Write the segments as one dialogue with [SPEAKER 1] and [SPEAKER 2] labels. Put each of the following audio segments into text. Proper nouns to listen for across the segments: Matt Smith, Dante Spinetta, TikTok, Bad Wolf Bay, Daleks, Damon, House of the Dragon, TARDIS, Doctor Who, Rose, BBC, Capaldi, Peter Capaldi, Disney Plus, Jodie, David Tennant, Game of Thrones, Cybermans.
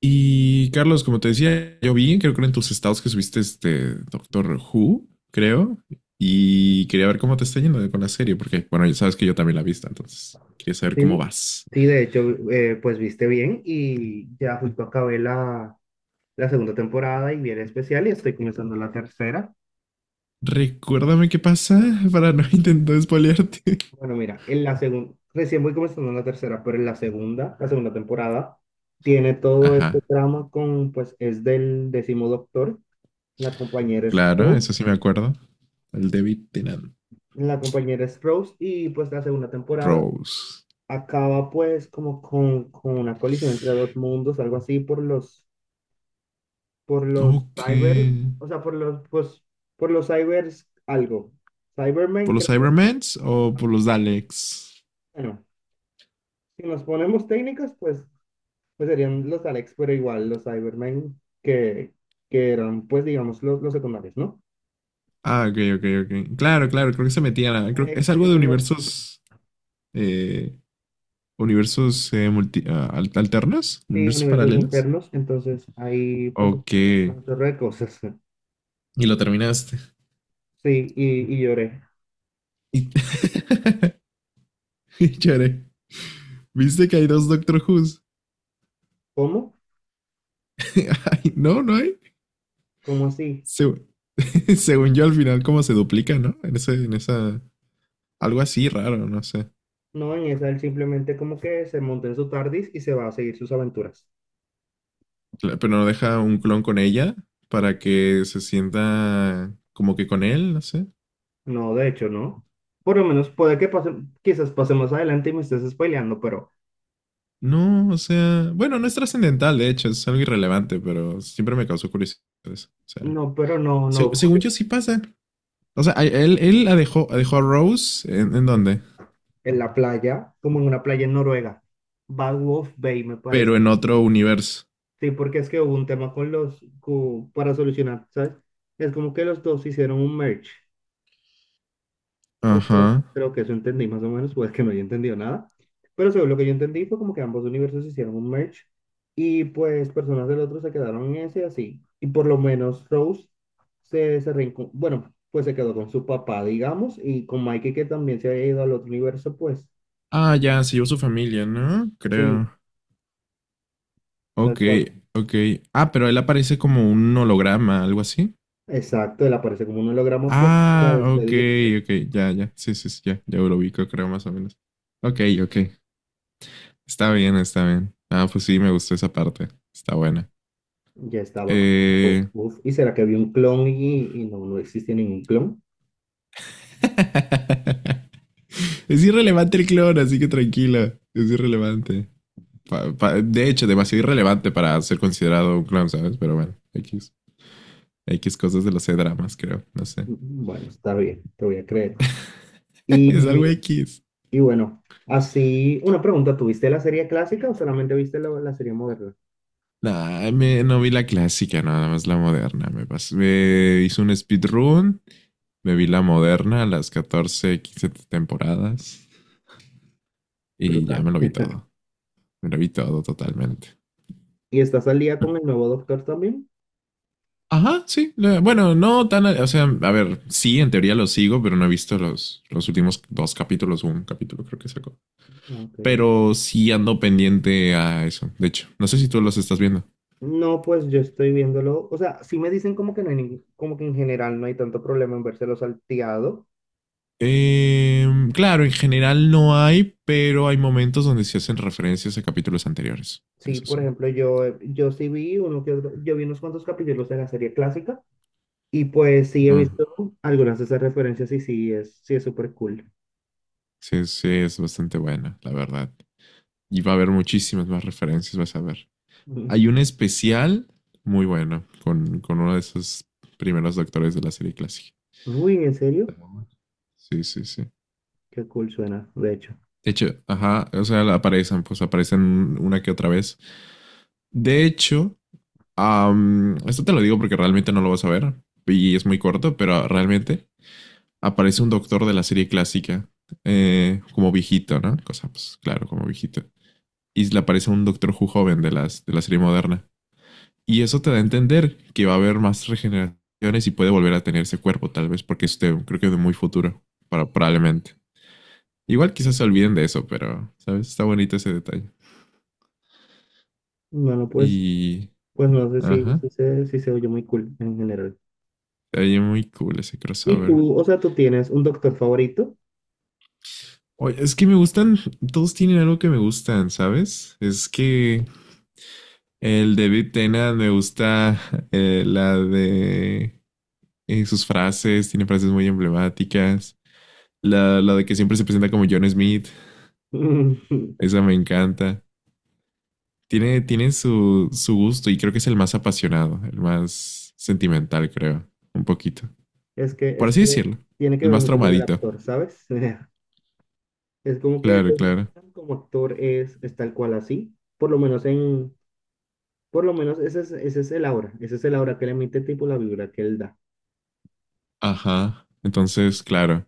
[SPEAKER 1] Y Carlos, como te decía, yo vi, creo que en tus estados que subiste este Doctor Who, creo, y quería ver cómo te está yendo de con la serie, porque, bueno, ya sabes que yo también la he visto, entonces quería saber cómo
[SPEAKER 2] Sí,
[SPEAKER 1] vas.
[SPEAKER 2] sí, de hecho, pues viste bien y ya justo acabé la segunda temporada y viene especial y estoy comenzando la tercera.
[SPEAKER 1] Recuérdame qué pasa para no intentar spoilearte.
[SPEAKER 2] Bueno, mira, en la segunda, recién voy comenzando la tercera, pero en la segunda, temporada, tiene todo este
[SPEAKER 1] Ajá,
[SPEAKER 2] drama con, pues es del décimo doctor, la compañera es
[SPEAKER 1] claro,
[SPEAKER 2] Rose,
[SPEAKER 1] eso sí me acuerdo. El David Tennant.
[SPEAKER 2] la compañera es Rose y pues la segunda temporada
[SPEAKER 1] Rose.
[SPEAKER 2] acaba pues como con, una colisión entre dos mundos, algo así por los
[SPEAKER 1] Ok.
[SPEAKER 2] cyber, o sea, por los, pues, por los cybers algo. Cybermen
[SPEAKER 1] ¿Por los
[SPEAKER 2] creo que,
[SPEAKER 1] Cybermans o
[SPEAKER 2] ajá.
[SPEAKER 1] por los Daleks?
[SPEAKER 2] Bueno, si nos ponemos técnicas, pues, pues serían los Alex, pero igual los Cybermen que eran, pues, digamos, los secundarios, ¿no?
[SPEAKER 1] Ah, ok, ok, ok. Claro, claro, creo que se metían
[SPEAKER 2] Los
[SPEAKER 1] a... Creo que es
[SPEAKER 2] Alex
[SPEAKER 1] algo de
[SPEAKER 2] eran los.
[SPEAKER 1] eh, universos alternos,
[SPEAKER 2] Sí,
[SPEAKER 1] universos
[SPEAKER 2] universos
[SPEAKER 1] paralelos.
[SPEAKER 2] internos, entonces ahí pasó,
[SPEAKER 1] Ok.
[SPEAKER 2] pasó
[SPEAKER 1] Y
[SPEAKER 2] un chorro de cosas.
[SPEAKER 1] lo terminaste.
[SPEAKER 2] Sí, y lloré.
[SPEAKER 1] Y, y lloré. ¿Viste que hay dos Doctor Who's?
[SPEAKER 2] ¿Cómo?
[SPEAKER 1] Ay, no, no hay.
[SPEAKER 2] ¿Cómo así?
[SPEAKER 1] Se- Según yo, al final, como se duplica, ¿no? En ese, en esa. Algo así raro, no sé.
[SPEAKER 2] No, en esa él simplemente como que se monta en su TARDIS y se va a seguir sus aventuras.
[SPEAKER 1] Pero no deja un clon con ella para que se sienta como que con él, no sé.
[SPEAKER 2] No, de hecho, no. Por lo menos puede que pase, quizás pase más adelante y me estés spoileando,
[SPEAKER 1] No, o sea. Bueno, no es trascendental, de hecho, es algo irrelevante, pero siempre me causó curiosidad eso. O sea.
[SPEAKER 2] pero no, no
[SPEAKER 1] Según
[SPEAKER 2] ocurre.
[SPEAKER 1] yo sí pasa. O sea, él la dejó a Rose, ¿en dónde?
[SPEAKER 2] En la playa, como en una playa en Noruega, Bad Wolf Bay, me parece.
[SPEAKER 1] Pero en otro universo.
[SPEAKER 2] Sí, porque es que hubo un tema con los, para solucionar, ¿sabes? Es como que los dos hicieron un merge. O creo,
[SPEAKER 1] Ajá.
[SPEAKER 2] creo que eso entendí más o menos, pues que no haya entendido nada. Pero según lo que yo entendí fue como que ambos universos hicieron un merge y pues personas del otro se quedaron en ese así. Y por lo menos Rose se, bueno, pues se quedó con su papá, digamos, y con Mikey que también se había ido al otro universo, pues
[SPEAKER 1] Ah, ya, se llevó su familia, ¿no? Creo.
[SPEAKER 2] sí, tal
[SPEAKER 1] Ok,
[SPEAKER 2] cual.
[SPEAKER 1] ok. Ah, pero él aparece como un holograma, algo así.
[SPEAKER 2] Exacto, él aparece como un holograma pues para
[SPEAKER 1] Ah, ok,
[SPEAKER 2] despedirse.
[SPEAKER 1] ok, ya, ya. Sí, sí, sí, ya, ya lo ubico, creo, más o menos. Ok, ok. Está bien, está bien. Ah, pues sí, me gustó esa parte. Está buena.
[SPEAKER 2] Ya estaba como,
[SPEAKER 1] Eh...
[SPEAKER 2] uf, ¿y será que había un clon y no, no existe ningún clon?
[SPEAKER 1] es irrelevante el clon, así que tranquila. Es irrelevante. De hecho, demasiado irrelevante para ser considerado un clown, ¿sabes? Pero bueno, X. X cosas de los C-dramas, creo. No sé.
[SPEAKER 2] Bueno, está bien, te voy a creer.
[SPEAKER 1] Es
[SPEAKER 2] Y
[SPEAKER 1] algo X.
[SPEAKER 2] Y bueno, así, una pregunta, ¿tuviste la serie clásica o solamente viste la serie moderna?
[SPEAKER 1] Nah, no vi la clásica, nada más la moderna. Me hice un speedrun, me vi la moderna, las 14 15 temporadas y
[SPEAKER 2] Brutal.
[SPEAKER 1] ya me lo vi todo. Me lo vi todo totalmente.
[SPEAKER 2] ¿Y estás al día con el nuevo Doctor también?
[SPEAKER 1] Ajá, sí. Bueno, no tan. O sea, a ver, sí, en teoría lo sigo, pero no he visto los últimos dos capítulos o un capítulo, creo que sacó.
[SPEAKER 2] Ah, ok, bueno.
[SPEAKER 1] Pero sí ando pendiente a eso. De hecho, no sé si tú los estás viendo.
[SPEAKER 2] No, pues yo estoy viéndolo, o sea, sí me dicen como que no hay como que en general no hay tanto problema en vérselo salteado.
[SPEAKER 1] Eh, claro, en general no hay, pero hay momentos donde se hacen referencias a capítulos anteriores.
[SPEAKER 2] Sí,
[SPEAKER 1] Eso
[SPEAKER 2] por
[SPEAKER 1] sí.
[SPEAKER 2] ejemplo, yo, yo sí vi yo vi unos cuantos capítulos de la serie clásica y pues sí he
[SPEAKER 1] Ah,
[SPEAKER 2] visto algunas de esas referencias y sí es súper cool.
[SPEAKER 1] sí, sí, es bastante buena, la verdad. Y va a haber muchísimas más referencias, vas a ver.
[SPEAKER 2] Ujú.
[SPEAKER 1] Hay un especial muy bueno con uno de esos primeros doctores de la serie clásica.
[SPEAKER 2] Uy, ¿en serio?
[SPEAKER 1] Sí, sí, sí.
[SPEAKER 2] Qué cool suena, de hecho.
[SPEAKER 1] De hecho, ajá, o sea, pues aparecen una que otra vez. De hecho, esto te lo digo porque realmente no lo vas a ver y es muy corto, pero realmente aparece un doctor de la serie clásica, como viejito, ¿no? Cosa, pues claro, como viejito. Y le aparece un doctor Who joven de la serie moderna. Y eso te da a entender que va a haber más regeneraciones y puede volver a tener ese cuerpo, tal vez, porque creo que de muy futuro, para, probablemente. Igual quizás se olviden de eso, pero, ¿sabes? Está bonito ese detalle.
[SPEAKER 2] Bueno, pues
[SPEAKER 1] Y.
[SPEAKER 2] pues no sé si, si
[SPEAKER 1] Ajá.
[SPEAKER 2] se, si se oye muy cool en general.
[SPEAKER 1] Está muy cool ese
[SPEAKER 2] Y
[SPEAKER 1] crossover.
[SPEAKER 2] tú, o sea, tú tienes un doctor favorito.
[SPEAKER 1] Oye, es que me gustan, todos tienen algo que me gustan, ¿sabes? Es que el David Tennant me gusta la de sus frases, tiene frases muy emblemáticas. La de que siempre se presenta como John Smith, esa me encanta. Tiene su gusto y creo que es el más apasionado, el más sentimental, creo, un poquito.
[SPEAKER 2] Es que,
[SPEAKER 1] Por
[SPEAKER 2] es
[SPEAKER 1] así
[SPEAKER 2] que
[SPEAKER 1] decirlo,
[SPEAKER 2] tiene que
[SPEAKER 1] el
[SPEAKER 2] ver
[SPEAKER 1] más
[SPEAKER 2] mucho con el
[SPEAKER 1] traumadito.
[SPEAKER 2] actor, ¿sabes? Es como que
[SPEAKER 1] Claro,
[SPEAKER 2] David
[SPEAKER 1] claro.
[SPEAKER 2] Tennant como actor es tal cual así. Por lo menos ese es, el aura. Ese es el aura que le emite tipo la vibra que él da.
[SPEAKER 1] Ajá. Entonces, claro.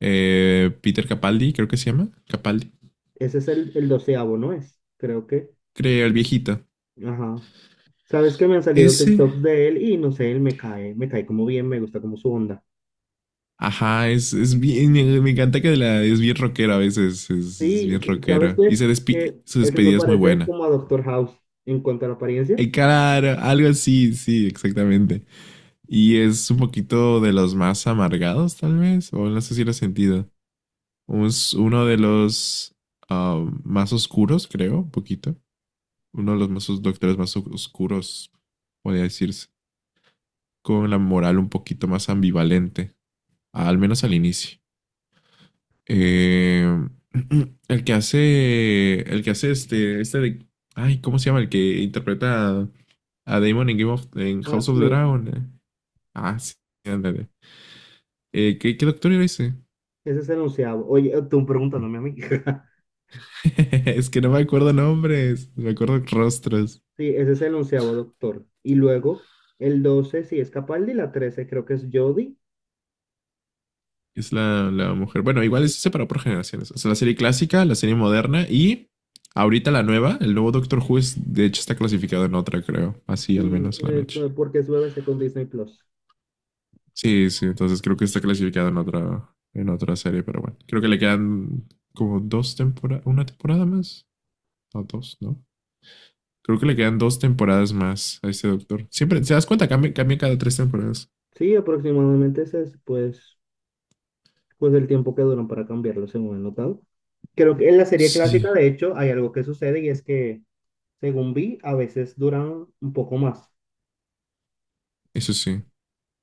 [SPEAKER 1] Peter Capaldi, creo que se llama. Capaldi.
[SPEAKER 2] Ese es el doceavo, ¿no es? Creo que.
[SPEAKER 1] Creo, el viejito.
[SPEAKER 2] Ajá. Sabes que me han salido
[SPEAKER 1] Ese.
[SPEAKER 2] TikToks de él y no sé, él me cae como bien, me gusta como su onda.
[SPEAKER 1] Ajá, es bien, me encanta es bien rockero a veces, es
[SPEAKER 2] Sí,
[SPEAKER 1] bien
[SPEAKER 2] ¿sabes
[SPEAKER 1] rockero. Y
[SPEAKER 2] qué? Que
[SPEAKER 1] su
[SPEAKER 2] él me
[SPEAKER 1] despedida es muy
[SPEAKER 2] parece
[SPEAKER 1] buena.
[SPEAKER 2] como a Doctor House en cuanto a la apariencia.
[SPEAKER 1] El cara, algo así, sí, exactamente. Y es un poquito de los más amargados, tal vez, o no sé si lo he sentido. Es uno de los más oscuros, creo, un poquito. Uno de los más os- Doctores más oscuros, podría decirse. Con la moral un poquito más ambivalente, al menos al inicio. Eh, el que hace. El que hace este. Este de. Ay, ¿cómo se llama? El que interpreta a Damon en, en House
[SPEAKER 2] Matt
[SPEAKER 1] of the
[SPEAKER 2] Smith,
[SPEAKER 1] Dragon. Ah, sí, ándale. ¿Qué doctor era ese?
[SPEAKER 2] ese es el onceavo. Oye, tú preguntándome a mí.
[SPEAKER 1] Es que no me acuerdo nombres, me acuerdo rostros.
[SPEAKER 2] Sí, ese es el onceavo doctor. Y luego, el 12 sí es Capaldi, la 13 creo que es Jodie.
[SPEAKER 1] Es la mujer. Bueno, igual eso se separó por generaciones. O sea, la serie clásica, la serie moderna y ahorita la nueva, el nuevo Doctor Who, es, de hecho está clasificado en otra, creo. Así
[SPEAKER 2] Sí,
[SPEAKER 1] al menos la han hecho.
[SPEAKER 2] porque es BBC con Disney Plus.
[SPEAKER 1] Sí, sí, entonces creo que está clasificado en otra serie, pero bueno, creo que le quedan como dos temporadas, una temporada más, no dos, ¿no? Creo que le quedan dos temporadas más a este doctor. Siempre, ¿te das cuenta? Cambia, cambia cada tres temporadas.
[SPEAKER 2] Sí, aproximadamente ese es pues, pues el tiempo que duran para cambiarlo, según he notado. Creo que en la serie
[SPEAKER 1] Sí.
[SPEAKER 2] clásica, de hecho, hay algo que sucede y es que, según vi, a veces duran un poco más.
[SPEAKER 1] Eso sí,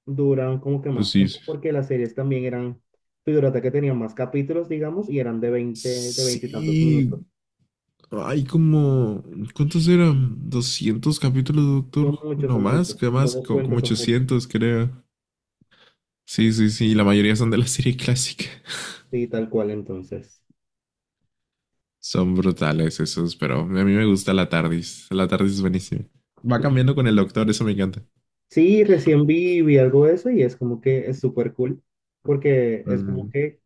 [SPEAKER 2] Duraron como que
[SPEAKER 1] eso
[SPEAKER 2] más
[SPEAKER 1] sí. Sí,
[SPEAKER 2] tiempo porque las series también eran, figúrate que tenían más capítulos, digamos, y eran de 20 y tantos
[SPEAKER 1] Sí,
[SPEAKER 2] minutos.
[SPEAKER 1] hay como, ¿cuántos eran? 200 capítulos, de doctor.
[SPEAKER 2] Son muchos,
[SPEAKER 1] No
[SPEAKER 2] son
[SPEAKER 1] más,
[SPEAKER 2] muchos.
[SPEAKER 1] que
[SPEAKER 2] No
[SPEAKER 1] más,
[SPEAKER 2] los
[SPEAKER 1] como
[SPEAKER 2] cuentas, son muchos.
[SPEAKER 1] 800, creo. Sí, sí, sí, y la mayoría son de la serie clásica.
[SPEAKER 2] Sí, tal cual, entonces.
[SPEAKER 1] Son brutales esos, pero a mí me gusta la TARDIS. La TARDIS es buenísima. Va cambiando con el doctor, eso me encanta.
[SPEAKER 2] Sí, recién vi, algo de eso y es como que es súper cool porque es como
[SPEAKER 1] Ujú.
[SPEAKER 2] que,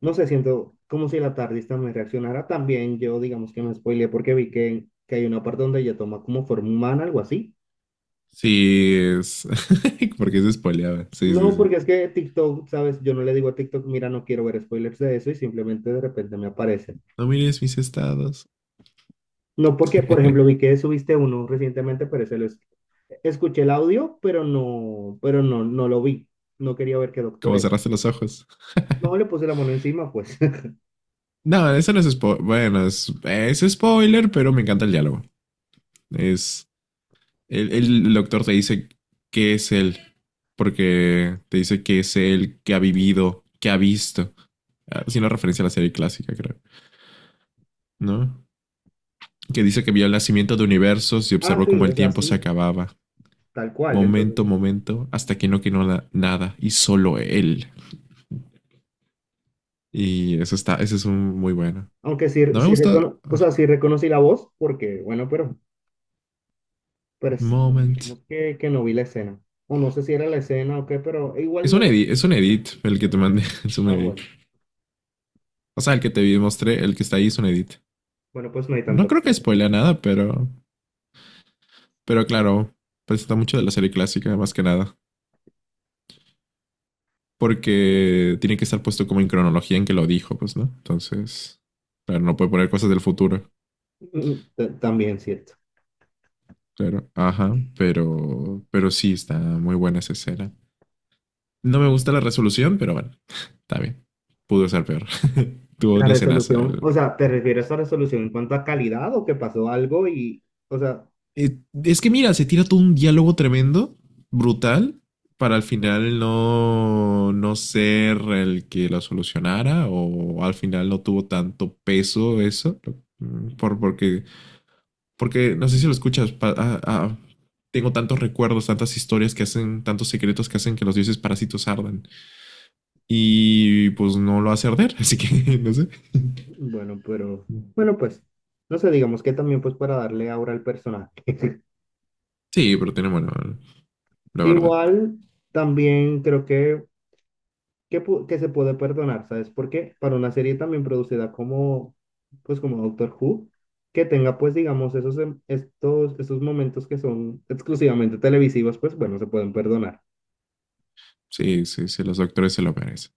[SPEAKER 2] no sé, siento como si la tardista me reaccionara. También yo, digamos que me spoileé porque vi que hay una parte donde ella toma como forma humana, algo así.
[SPEAKER 1] Sí, es. Porque se spoileaba. Sí, sí,
[SPEAKER 2] No,
[SPEAKER 1] sí.
[SPEAKER 2] porque es que TikTok, ¿sabes? Yo no le digo a TikTok, mira, no quiero ver spoilers de eso y simplemente de repente me aparecen.
[SPEAKER 1] No mires mis estados.
[SPEAKER 2] No porque, por ejemplo, vi que subiste uno recientemente, pero ese escuché el audio, pero no, no lo vi. No quería ver qué doctor
[SPEAKER 1] Como
[SPEAKER 2] era.
[SPEAKER 1] cerraste los ojos.
[SPEAKER 2] No le puse la mano encima, pues.
[SPEAKER 1] No, eso no es spoiler. Bueno, es spoiler, pero me encanta el diálogo. Es. El doctor te dice qué es él. Porque te dice que es él que ha vivido, que ha visto. Ah, haciendo referencia a la serie clásica, creo. ¿No? Que dice que vio el nacimiento de universos y
[SPEAKER 2] Ah,
[SPEAKER 1] observó cómo
[SPEAKER 2] sí,
[SPEAKER 1] el
[SPEAKER 2] es
[SPEAKER 1] tiempo se
[SPEAKER 2] así,
[SPEAKER 1] acababa,
[SPEAKER 2] tal cual. Entonces,
[SPEAKER 1] momento, momento, hasta que no quedó nada y solo él. Y eso está, ese es un muy bueno.
[SPEAKER 2] aunque sí,
[SPEAKER 1] No me gusta.
[SPEAKER 2] o sea, sí reconocí la voz, porque, bueno, pero
[SPEAKER 1] Moment.
[SPEAKER 2] digamos que no vi la escena. O no sé si era la escena o qué, pero igual no lo...
[SPEAKER 1] Es un edit el que te mandé, es un
[SPEAKER 2] Ah,
[SPEAKER 1] edit.
[SPEAKER 2] bueno.
[SPEAKER 1] O sea, el que te mostré, el que está ahí es un edit.
[SPEAKER 2] Bueno, pues no hay
[SPEAKER 1] No
[SPEAKER 2] tanto.
[SPEAKER 1] creo que spoilea nada, pero, claro, presenta mucho de la serie clásica, más que nada. Porque tiene que estar puesto como en cronología en que lo dijo, pues, ¿no? Entonces, claro, no puede poner cosas del futuro.
[SPEAKER 2] Mm, también cierto.
[SPEAKER 1] Claro, ajá, pero, sí está muy buena esa escena. No me gusta la resolución, pero bueno, está bien. Pudo ser peor. Tuvo
[SPEAKER 2] La
[SPEAKER 1] una escenaza.
[SPEAKER 2] resolución, o sea, ¿te refieres a resolución en cuanto a calidad o que pasó algo y, o sea,
[SPEAKER 1] Eh, es que mira, se tira todo un diálogo tremendo, brutal, para al final no ser el que lo solucionara o al final no tuvo tanto peso eso. Mm, Por, porque, Porque no sé si lo escuchas. Tengo tantos recuerdos, tantas historias que hacen, tantos secretos que hacen que los dioses parásitos ardan. Y pues no lo hace arder, así que no sé.
[SPEAKER 2] bueno, pero, bueno, pues, no sé, digamos que también pues para darle aura al personaje.
[SPEAKER 1] Sí, pero tiene bueno, la verdad.
[SPEAKER 2] Igual, también creo que, que se puede perdonar, ¿sabes? Porque para una serie también producida como, pues como Doctor Who, que tenga pues, digamos, esos, estos momentos que son exclusivamente televisivos, pues bueno, se pueden perdonar.
[SPEAKER 1] Sí, sí, sí, los doctores se lo merecen.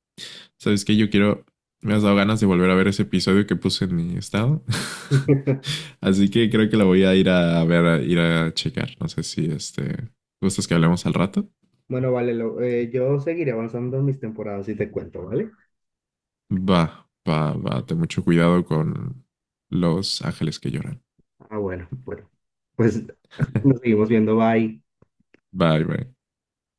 [SPEAKER 1] ¿Sabes qué? Yo quiero. Me has dado ganas de volver a ver ese episodio que puse en mi estado. Así que creo que la voy a ir a ver, a ir a checar. No sé si este. ¿Gustas que hablemos al rato?
[SPEAKER 2] Bueno, vale, yo seguiré avanzando en mis temporadas y te cuento, ¿vale?
[SPEAKER 1] Va, va, va. Ten mucho cuidado con los ángeles que lloran.
[SPEAKER 2] Ah, bueno, bueno. Pues nos seguimos viendo, bye.
[SPEAKER 1] Bye, bye.